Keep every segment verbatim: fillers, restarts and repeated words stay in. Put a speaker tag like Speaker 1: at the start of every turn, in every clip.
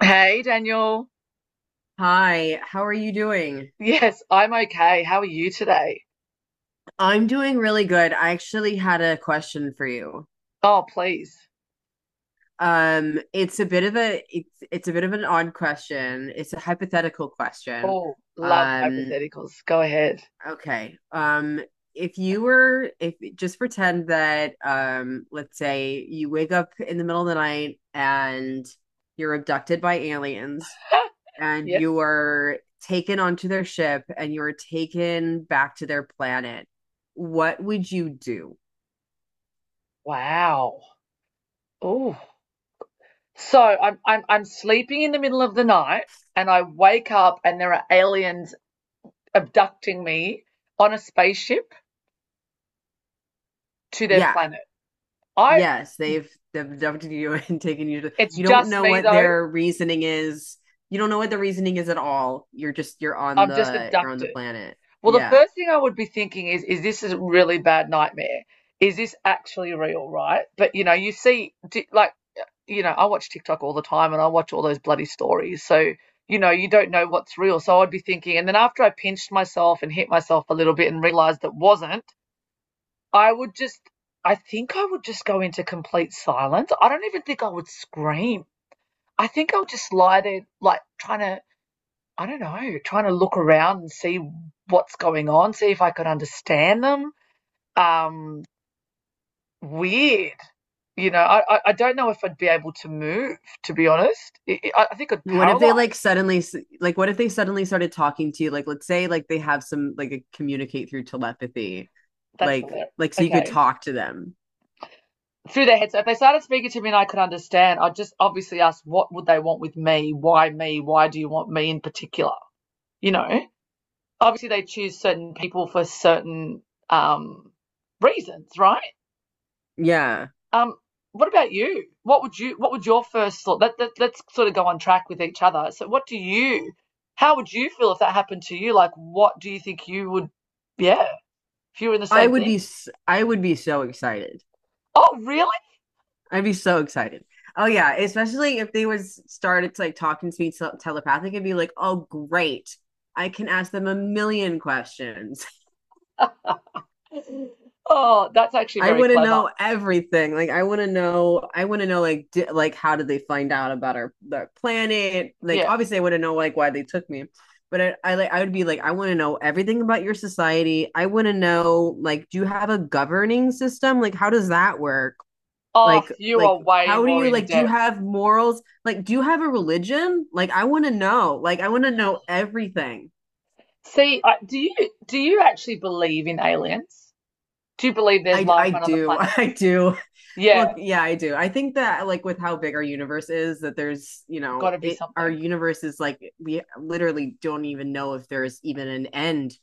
Speaker 1: Hey, Daniel.
Speaker 2: Hi, how are you doing?
Speaker 1: Yes, I'm okay. How are you today?
Speaker 2: I'm doing really good. I actually had a question for you.
Speaker 1: Oh, please.
Speaker 2: Um, it's a bit of a it's it's a bit of an odd question. It's a hypothetical question.
Speaker 1: Oh, love
Speaker 2: Um,
Speaker 1: hypotheticals. Go ahead.
Speaker 2: okay. Um, if you were if just pretend that um, let's say you wake up in the middle of the night and you're abducted by aliens. And
Speaker 1: Yes.
Speaker 2: you were taken onto their ship and you were taken back to their planet, what would you do?
Speaker 1: Wow. Oh. So I'm I'm I'm sleeping in the middle of the night and I wake up and there are aliens abducting me on a spaceship to their
Speaker 2: Yeah.
Speaker 1: planet. I
Speaker 2: Yes, they've they've abducted you and taken you to
Speaker 1: It's
Speaker 2: you don't
Speaker 1: just
Speaker 2: know
Speaker 1: me
Speaker 2: what
Speaker 1: though.
Speaker 2: their reasoning is. You don't know what the reasoning is at all. You're just you're on
Speaker 1: I'm just
Speaker 2: the you're on the
Speaker 1: abducted.
Speaker 2: planet.
Speaker 1: Well, the
Speaker 2: Yeah.
Speaker 1: first thing I would be thinking is, is this a really bad nightmare? Is this actually real, right? But you know, you see, di- like, you know, I watch TikTok all the time and I watch all those bloody stories. So, you know, you don't know what's real. So I'd be thinking, and then after I pinched myself and hit myself a little bit and realized that wasn't, I would just, I think I would just go into complete silence. I don't even think I would scream. I think I would just lie there, like, trying to I don't know, trying to look around and see what's going on, see if I could understand them. Um, Weird. You know, I, I don't know if I'd be able to move, to be honest. I, I think I'd
Speaker 2: What if they like
Speaker 1: paralyze.
Speaker 2: suddenly like what if they suddenly started talking to you, like, let's say, like, they have some, like, a communicate through telepathy.
Speaker 1: That's
Speaker 2: Like
Speaker 1: hilarious.
Speaker 2: like so you could
Speaker 1: Okay.
Speaker 2: talk to them.
Speaker 1: Through their heads. So if they started speaking to me and I could understand, I'd just obviously ask, what would they want with me? Why me? Why do you want me in particular? You know, obviously they choose certain people for certain um, reasons, right?
Speaker 2: Yeah.
Speaker 1: Um, what about you? What would you? What would your first thought? Let, let Let's sort of go on track with each other. So, what do you? How would you feel if that happened to you? Like, what do you think you would? Yeah, if you were in the
Speaker 2: I
Speaker 1: same
Speaker 2: would
Speaker 1: thing.
Speaker 2: be I would be so excited.
Speaker 1: Oh, really?
Speaker 2: I'd be so excited. Oh yeah, especially if they was started to like talking to me, tel- telepathic, and be like, "Oh great. I can ask them a million questions."
Speaker 1: Oh, that's actually
Speaker 2: I
Speaker 1: very
Speaker 2: want to
Speaker 1: clever.
Speaker 2: know everything. Like, I want to know, I want to know like, di- like how did they find out about our, our planet? Like,
Speaker 1: Yeah.
Speaker 2: obviously, I want to know like why they took me. But I, I like I would be like, I want to know everything about your society. I want to know, like, do you have a governing system? Like, how does that work?
Speaker 1: Oh,
Speaker 2: like
Speaker 1: you
Speaker 2: like
Speaker 1: are way
Speaker 2: how do
Speaker 1: more
Speaker 2: you,
Speaker 1: in
Speaker 2: like, do you
Speaker 1: depth.
Speaker 2: have morals, like, do you have a religion? Like i want to know like i want to know everything.
Speaker 1: See, I, do you do you actually believe in aliens? Do you believe there's
Speaker 2: i
Speaker 1: life
Speaker 2: i
Speaker 1: on other
Speaker 2: do. I
Speaker 1: planets?
Speaker 2: do.
Speaker 1: Yeah,
Speaker 2: Well, yeah, I do. I think that, like, with how big our universe is, that there's, you
Speaker 1: got
Speaker 2: know
Speaker 1: to be
Speaker 2: it our
Speaker 1: something.
Speaker 2: universe is like, we literally don't even know if there's even an end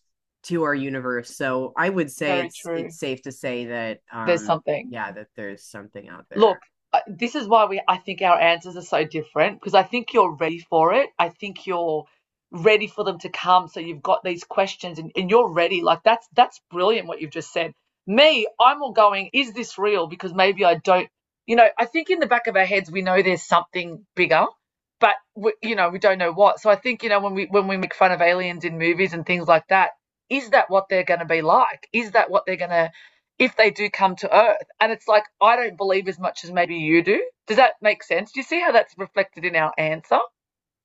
Speaker 2: to our universe. So I would say
Speaker 1: Very
Speaker 2: it's
Speaker 1: true.
Speaker 2: it's safe to say that,
Speaker 1: There's
Speaker 2: um
Speaker 1: something.
Speaker 2: yeah, that there's something out
Speaker 1: Look,
Speaker 2: there.
Speaker 1: uh, this is why we I think our answers are so different because I think you're ready for it. I think you're ready for them to come. So you've got these questions and, and you're ready. Like that's that's brilliant what you've just said. Me, I'm all going, is this real? Because maybe I don't you know, I think in the back of our heads we know there's something bigger, but we, you know, we don't know what. So I think, you know, when we when we make fun of aliens in movies and things like that, is that what they're going to be like? Is that what they're going to if they do come to Earth? And it's like, I don't believe as much as maybe you do. Does that make sense? Do you see how that's reflected in our answer?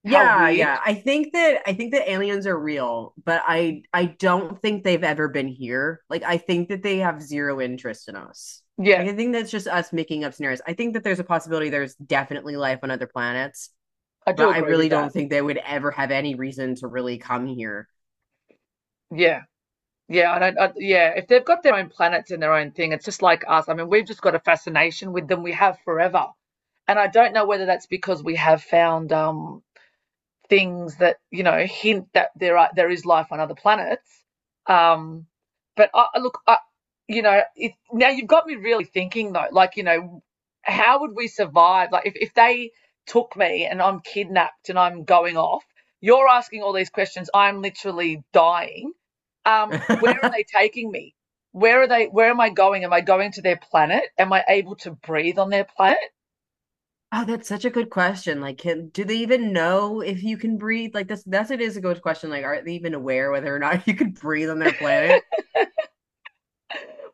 Speaker 1: How
Speaker 2: Yeah,
Speaker 1: weird.
Speaker 2: yeah. I think that I think that aliens are real, but I I don't think they've ever been here. Like, I think that they have zero interest in us.
Speaker 1: Yeah,
Speaker 2: Like, I think that's just us making up scenarios. I think that there's a possibility, there's definitely life on other planets,
Speaker 1: I
Speaker 2: but
Speaker 1: do
Speaker 2: I
Speaker 1: agree
Speaker 2: really
Speaker 1: with
Speaker 2: don't
Speaker 1: that.
Speaker 2: think they would ever have any reason to really come here.
Speaker 1: Yeah. Yeah, I don't, I, yeah, if they've got their own planets and their own thing, it's just like us. I mean, we've just got a fascination with them. We have forever. And I don't know whether that's because we have found um things that you know hint that there are there is life on other planets. Um, but I, look, I, you know, it, now you've got me really thinking though. Like, you know, how would we survive? Like, if if they took me and I'm kidnapped and I'm going off, you're asking all these questions. I'm literally dying. Um, where are they taking me? Where are they? Where am I going? Am I going to their planet? Am I able to breathe on their planet?
Speaker 2: Oh, that's such a good question. Like, can do they even know if you can breathe? Like, that's that's it, is a good question. Like, are they even aware whether or not you could breathe on their planet?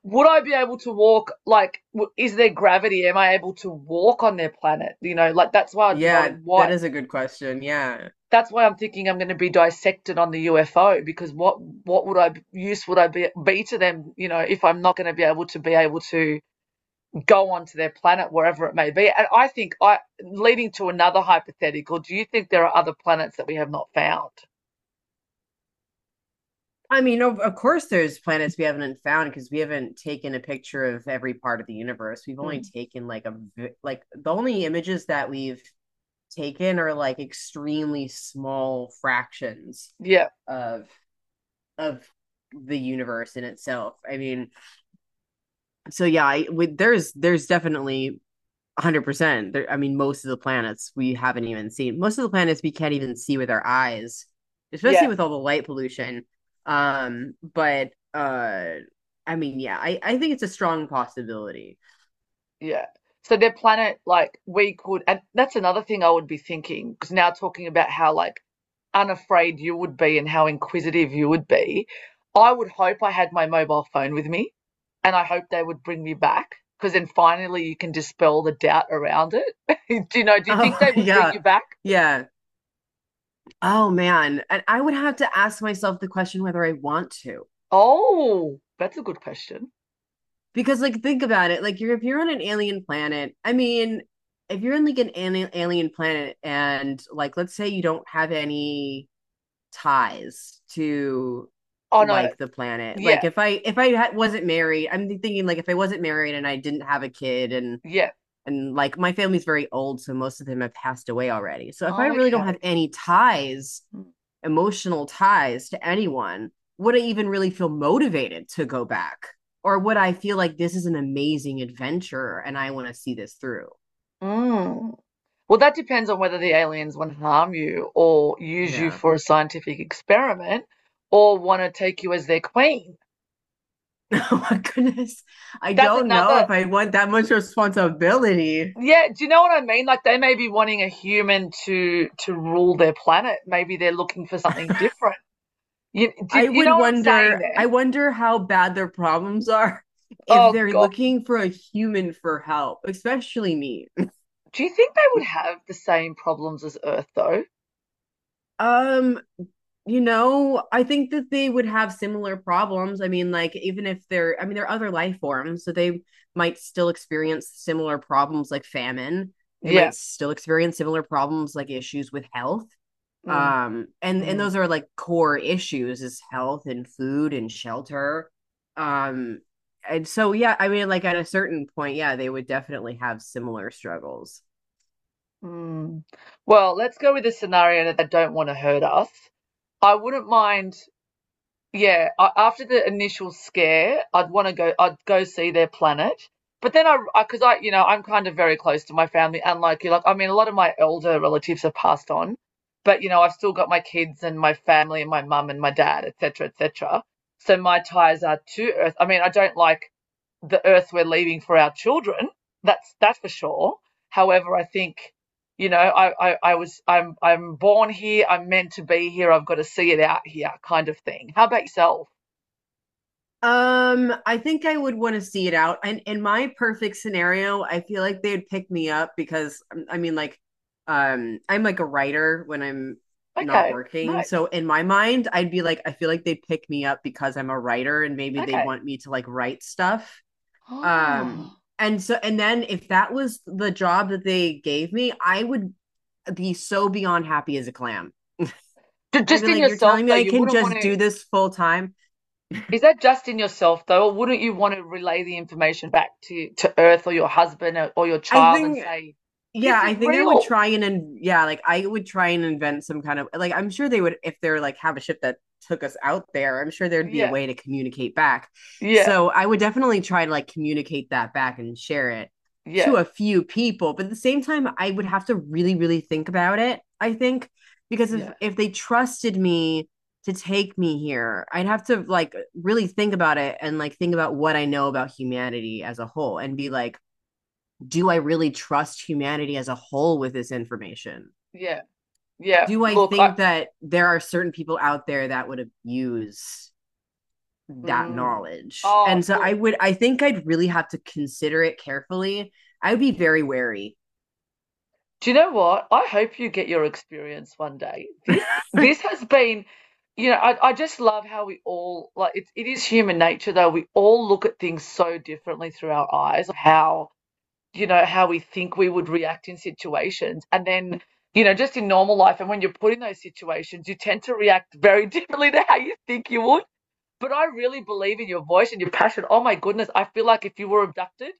Speaker 1: Would I be able to walk? Like, is there gravity? Am I able to walk on their planet? You know, like that's why I'd be
Speaker 2: Yeah,
Speaker 1: going.
Speaker 2: that
Speaker 1: Why?
Speaker 2: is a good question. Yeah.
Speaker 1: That's why I'm thinking I'm going to be dissected on the U F O because what what would I use would I be be to them? You know, if I'm not going to be able to be able to go onto their planet wherever it may be. And I think I leading to another hypothetical. Do you think there are other planets that we have not found?
Speaker 2: I mean, of, of course, there's planets we haven't found because we haven't taken a picture of every part of the universe. We've only
Speaker 1: Mm.
Speaker 2: taken like a v- like the only images that we've taken are like extremely small fractions
Speaker 1: Yeah,
Speaker 2: of of the universe in itself. I mean, so yeah, I would there's there's definitely one hundred percent. There, I mean, most of the planets we haven't even seen. Most of the planets we can't even see with our eyes,
Speaker 1: yeah.
Speaker 2: especially with all the light pollution. Um, but uh, I mean, yeah, I I think it's a strong possibility.
Speaker 1: Yeah. So their planet, like we could, and that's another thing I would be thinking, because now talking about how like unafraid you would be and how inquisitive you would be, I would hope I had my mobile phone with me, and I hope they would bring me back, because then finally you can dispel the doubt around it. Do you know? Do you think
Speaker 2: Oh
Speaker 1: they would bring
Speaker 2: yeah,
Speaker 1: you back?
Speaker 2: yeah. Oh man, and I would have to ask myself the question whether I want to,
Speaker 1: Oh, that's a good question.
Speaker 2: because, like, think about it, like you're if you're on an alien planet. I mean, if you're on like an ali- alien planet, and, like, let's say you don't have any ties to,
Speaker 1: Oh no,
Speaker 2: like, the planet.
Speaker 1: yeah,
Speaker 2: Like, if I if I ha- wasn't married. I'm thinking, like, if I wasn't married and I didn't have a kid, and
Speaker 1: yeah.
Speaker 2: and like my family's very old, so most of them have passed away already. So if I
Speaker 1: Oh,
Speaker 2: really don't
Speaker 1: okay.
Speaker 2: have any ties,
Speaker 1: Mm.
Speaker 2: emotional ties to anyone, would I even really feel motivated to go back? Or would I feel like this is an amazing adventure and I want to see this through?
Speaker 1: Mm. Well, that depends on whether the aliens want to harm you or use you
Speaker 2: Yeah.
Speaker 1: for a scientific experiment or want to take you as their queen.
Speaker 2: Oh my goodness. I
Speaker 1: That's
Speaker 2: don't know
Speaker 1: another.
Speaker 2: if I want that much responsibility.
Speaker 1: Yeah, do you know what I mean? Like they may be wanting a human to to rule their planet. Maybe they're looking for something different. You do,
Speaker 2: I
Speaker 1: you
Speaker 2: would
Speaker 1: know what I'm saying
Speaker 2: wonder,
Speaker 1: there?
Speaker 2: I wonder how bad their problems are if
Speaker 1: Oh
Speaker 2: they're
Speaker 1: God,
Speaker 2: looking for a human for help, especially me.
Speaker 1: do you think they would have the same problems as Earth though?
Speaker 2: Um, you know, I think that they would have similar problems. I mean, like, even if they're, I mean, they're other life forms, so they might still experience similar problems like famine. They
Speaker 1: Yeah.
Speaker 2: might still experience similar problems like issues with health.
Speaker 1: Mm,
Speaker 2: um and and
Speaker 1: mm,
Speaker 2: those are, like, core issues, is health and food and shelter. um and so, yeah, I mean, like, at a certain point, yeah, they would definitely have similar struggles.
Speaker 1: mm. Well, let's go with the scenario that they don't want to hurt us. I wouldn't mind yeah, a- after the initial scare, I'd want to go. I'd go see their planet, but then I, because I, 'cause I, you know, I'm kind of very close to my family, and like you, like I mean, a lot of my elder relatives have passed on, but you know, I've still got my kids and my family and my mum and my dad, et cetera, et cetera. So my ties are to Earth. I mean, I don't like the Earth we're leaving for our children. That's that's for sure. However, I think you know I, I i was, i'm i'm born here, I'm meant to be here, I've got to see it out here kind of thing. How about yourself?
Speaker 2: um I think I would want to see it out, and in my perfect scenario I feel like they'd pick me up because, um, I mean, like, um I'm like a writer when I'm not
Speaker 1: Okay,
Speaker 2: working,
Speaker 1: nice.
Speaker 2: so in my mind I'd be like I feel like they'd pick me up because I'm a writer, and maybe they'd
Speaker 1: Okay.
Speaker 2: want me to, like, write stuff. Um,
Speaker 1: Oh,
Speaker 2: and so, and then if that was the job that they gave me, I would be so beyond happy as a clam. I'd
Speaker 1: just
Speaker 2: be
Speaker 1: in
Speaker 2: like, you're
Speaker 1: yourself
Speaker 2: telling me
Speaker 1: though
Speaker 2: I
Speaker 1: you
Speaker 2: can
Speaker 1: wouldn't want
Speaker 2: just
Speaker 1: to
Speaker 2: do this full time?
Speaker 1: is that just in yourself though or wouldn't you want to relay the information back to to Earth or your husband or, or your
Speaker 2: I
Speaker 1: child and
Speaker 2: think
Speaker 1: say
Speaker 2: Yeah,
Speaker 1: this
Speaker 2: I
Speaker 1: is
Speaker 2: think I would
Speaker 1: real?
Speaker 2: try and in, yeah, like I would try and invent some kind of, like, I'm sure they would, if they're like have a ship that took us out there, I'm sure there'd be a
Speaker 1: Yeah,
Speaker 2: way to communicate back.
Speaker 1: yeah,
Speaker 2: So I would definitely try to, like, communicate that back and share it
Speaker 1: yeah,
Speaker 2: to a few people, but at the same time I would have to really really think about it, I think, because if
Speaker 1: yeah,
Speaker 2: if they trusted me to take me here, I'd have to, like, really think about it, and, like, think about what I know about humanity as a whole and be like, do I really trust humanity as a whole with this information?
Speaker 1: yeah, yeah,
Speaker 2: Do I
Speaker 1: look I.
Speaker 2: think that there are certain people out there that would abuse that
Speaker 1: mm,
Speaker 2: knowledge?
Speaker 1: oh
Speaker 2: And so,
Speaker 1: look.
Speaker 2: I would, I think I'd really have to consider it carefully. I would be
Speaker 1: Yeah.
Speaker 2: very wary.
Speaker 1: Do you know what? I hope you get your experience one day. This this has been, you know, I, I just love how we all like it, it is human nature though. We all look at things so differently through our eyes, how you know, how we think we would react in situations. And then, you know, just in normal life and when you're put in those situations, you tend to react very differently to how you think you would. But I really believe in your voice and your passion. Oh my goodness, I feel like if you were abducted,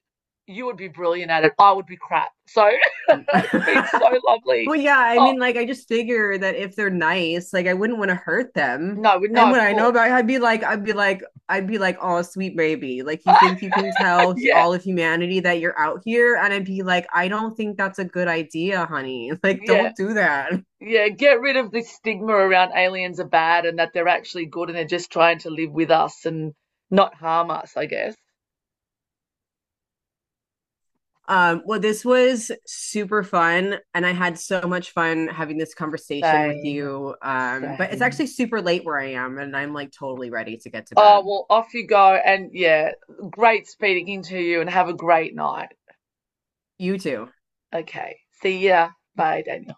Speaker 1: you would be brilliant at it. I would be crap. So it's been so lovely.
Speaker 2: Well, yeah, I
Speaker 1: Oh,
Speaker 2: mean, like, I just figure that if they're nice, like, I wouldn't want to hurt them.
Speaker 1: no, no,
Speaker 2: And what
Speaker 1: of
Speaker 2: I know about it,
Speaker 1: course.
Speaker 2: I'd be like, I'd be like, I'd be like, oh, sweet baby. Like, you think you can tell
Speaker 1: Yeah,
Speaker 2: all of humanity that you're out here? And I'd be like, I don't think that's a good idea, honey. Like,
Speaker 1: yeah,
Speaker 2: don't do that.
Speaker 1: yeah. Get rid of this stigma around aliens are bad and that they're actually good and they're just trying to live with us and not harm us, I guess.
Speaker 2: Um, well, this was super fun, and I had so much fun having this conversation with
Speaker 1: Same,
Speaker 2: you. Um, but it's
Speaker 1: same.
Speaker 2: actually super late where I am, and I'm like totally ready to get to
Speaker 1: Oh,
Speaker 2: bed.
Speaker 1: well, off you go. And yeah, great speaking to you and have a great night.
Speaker 2: You too.
Speaker 1: Okay. See ya. Bye, Daniel.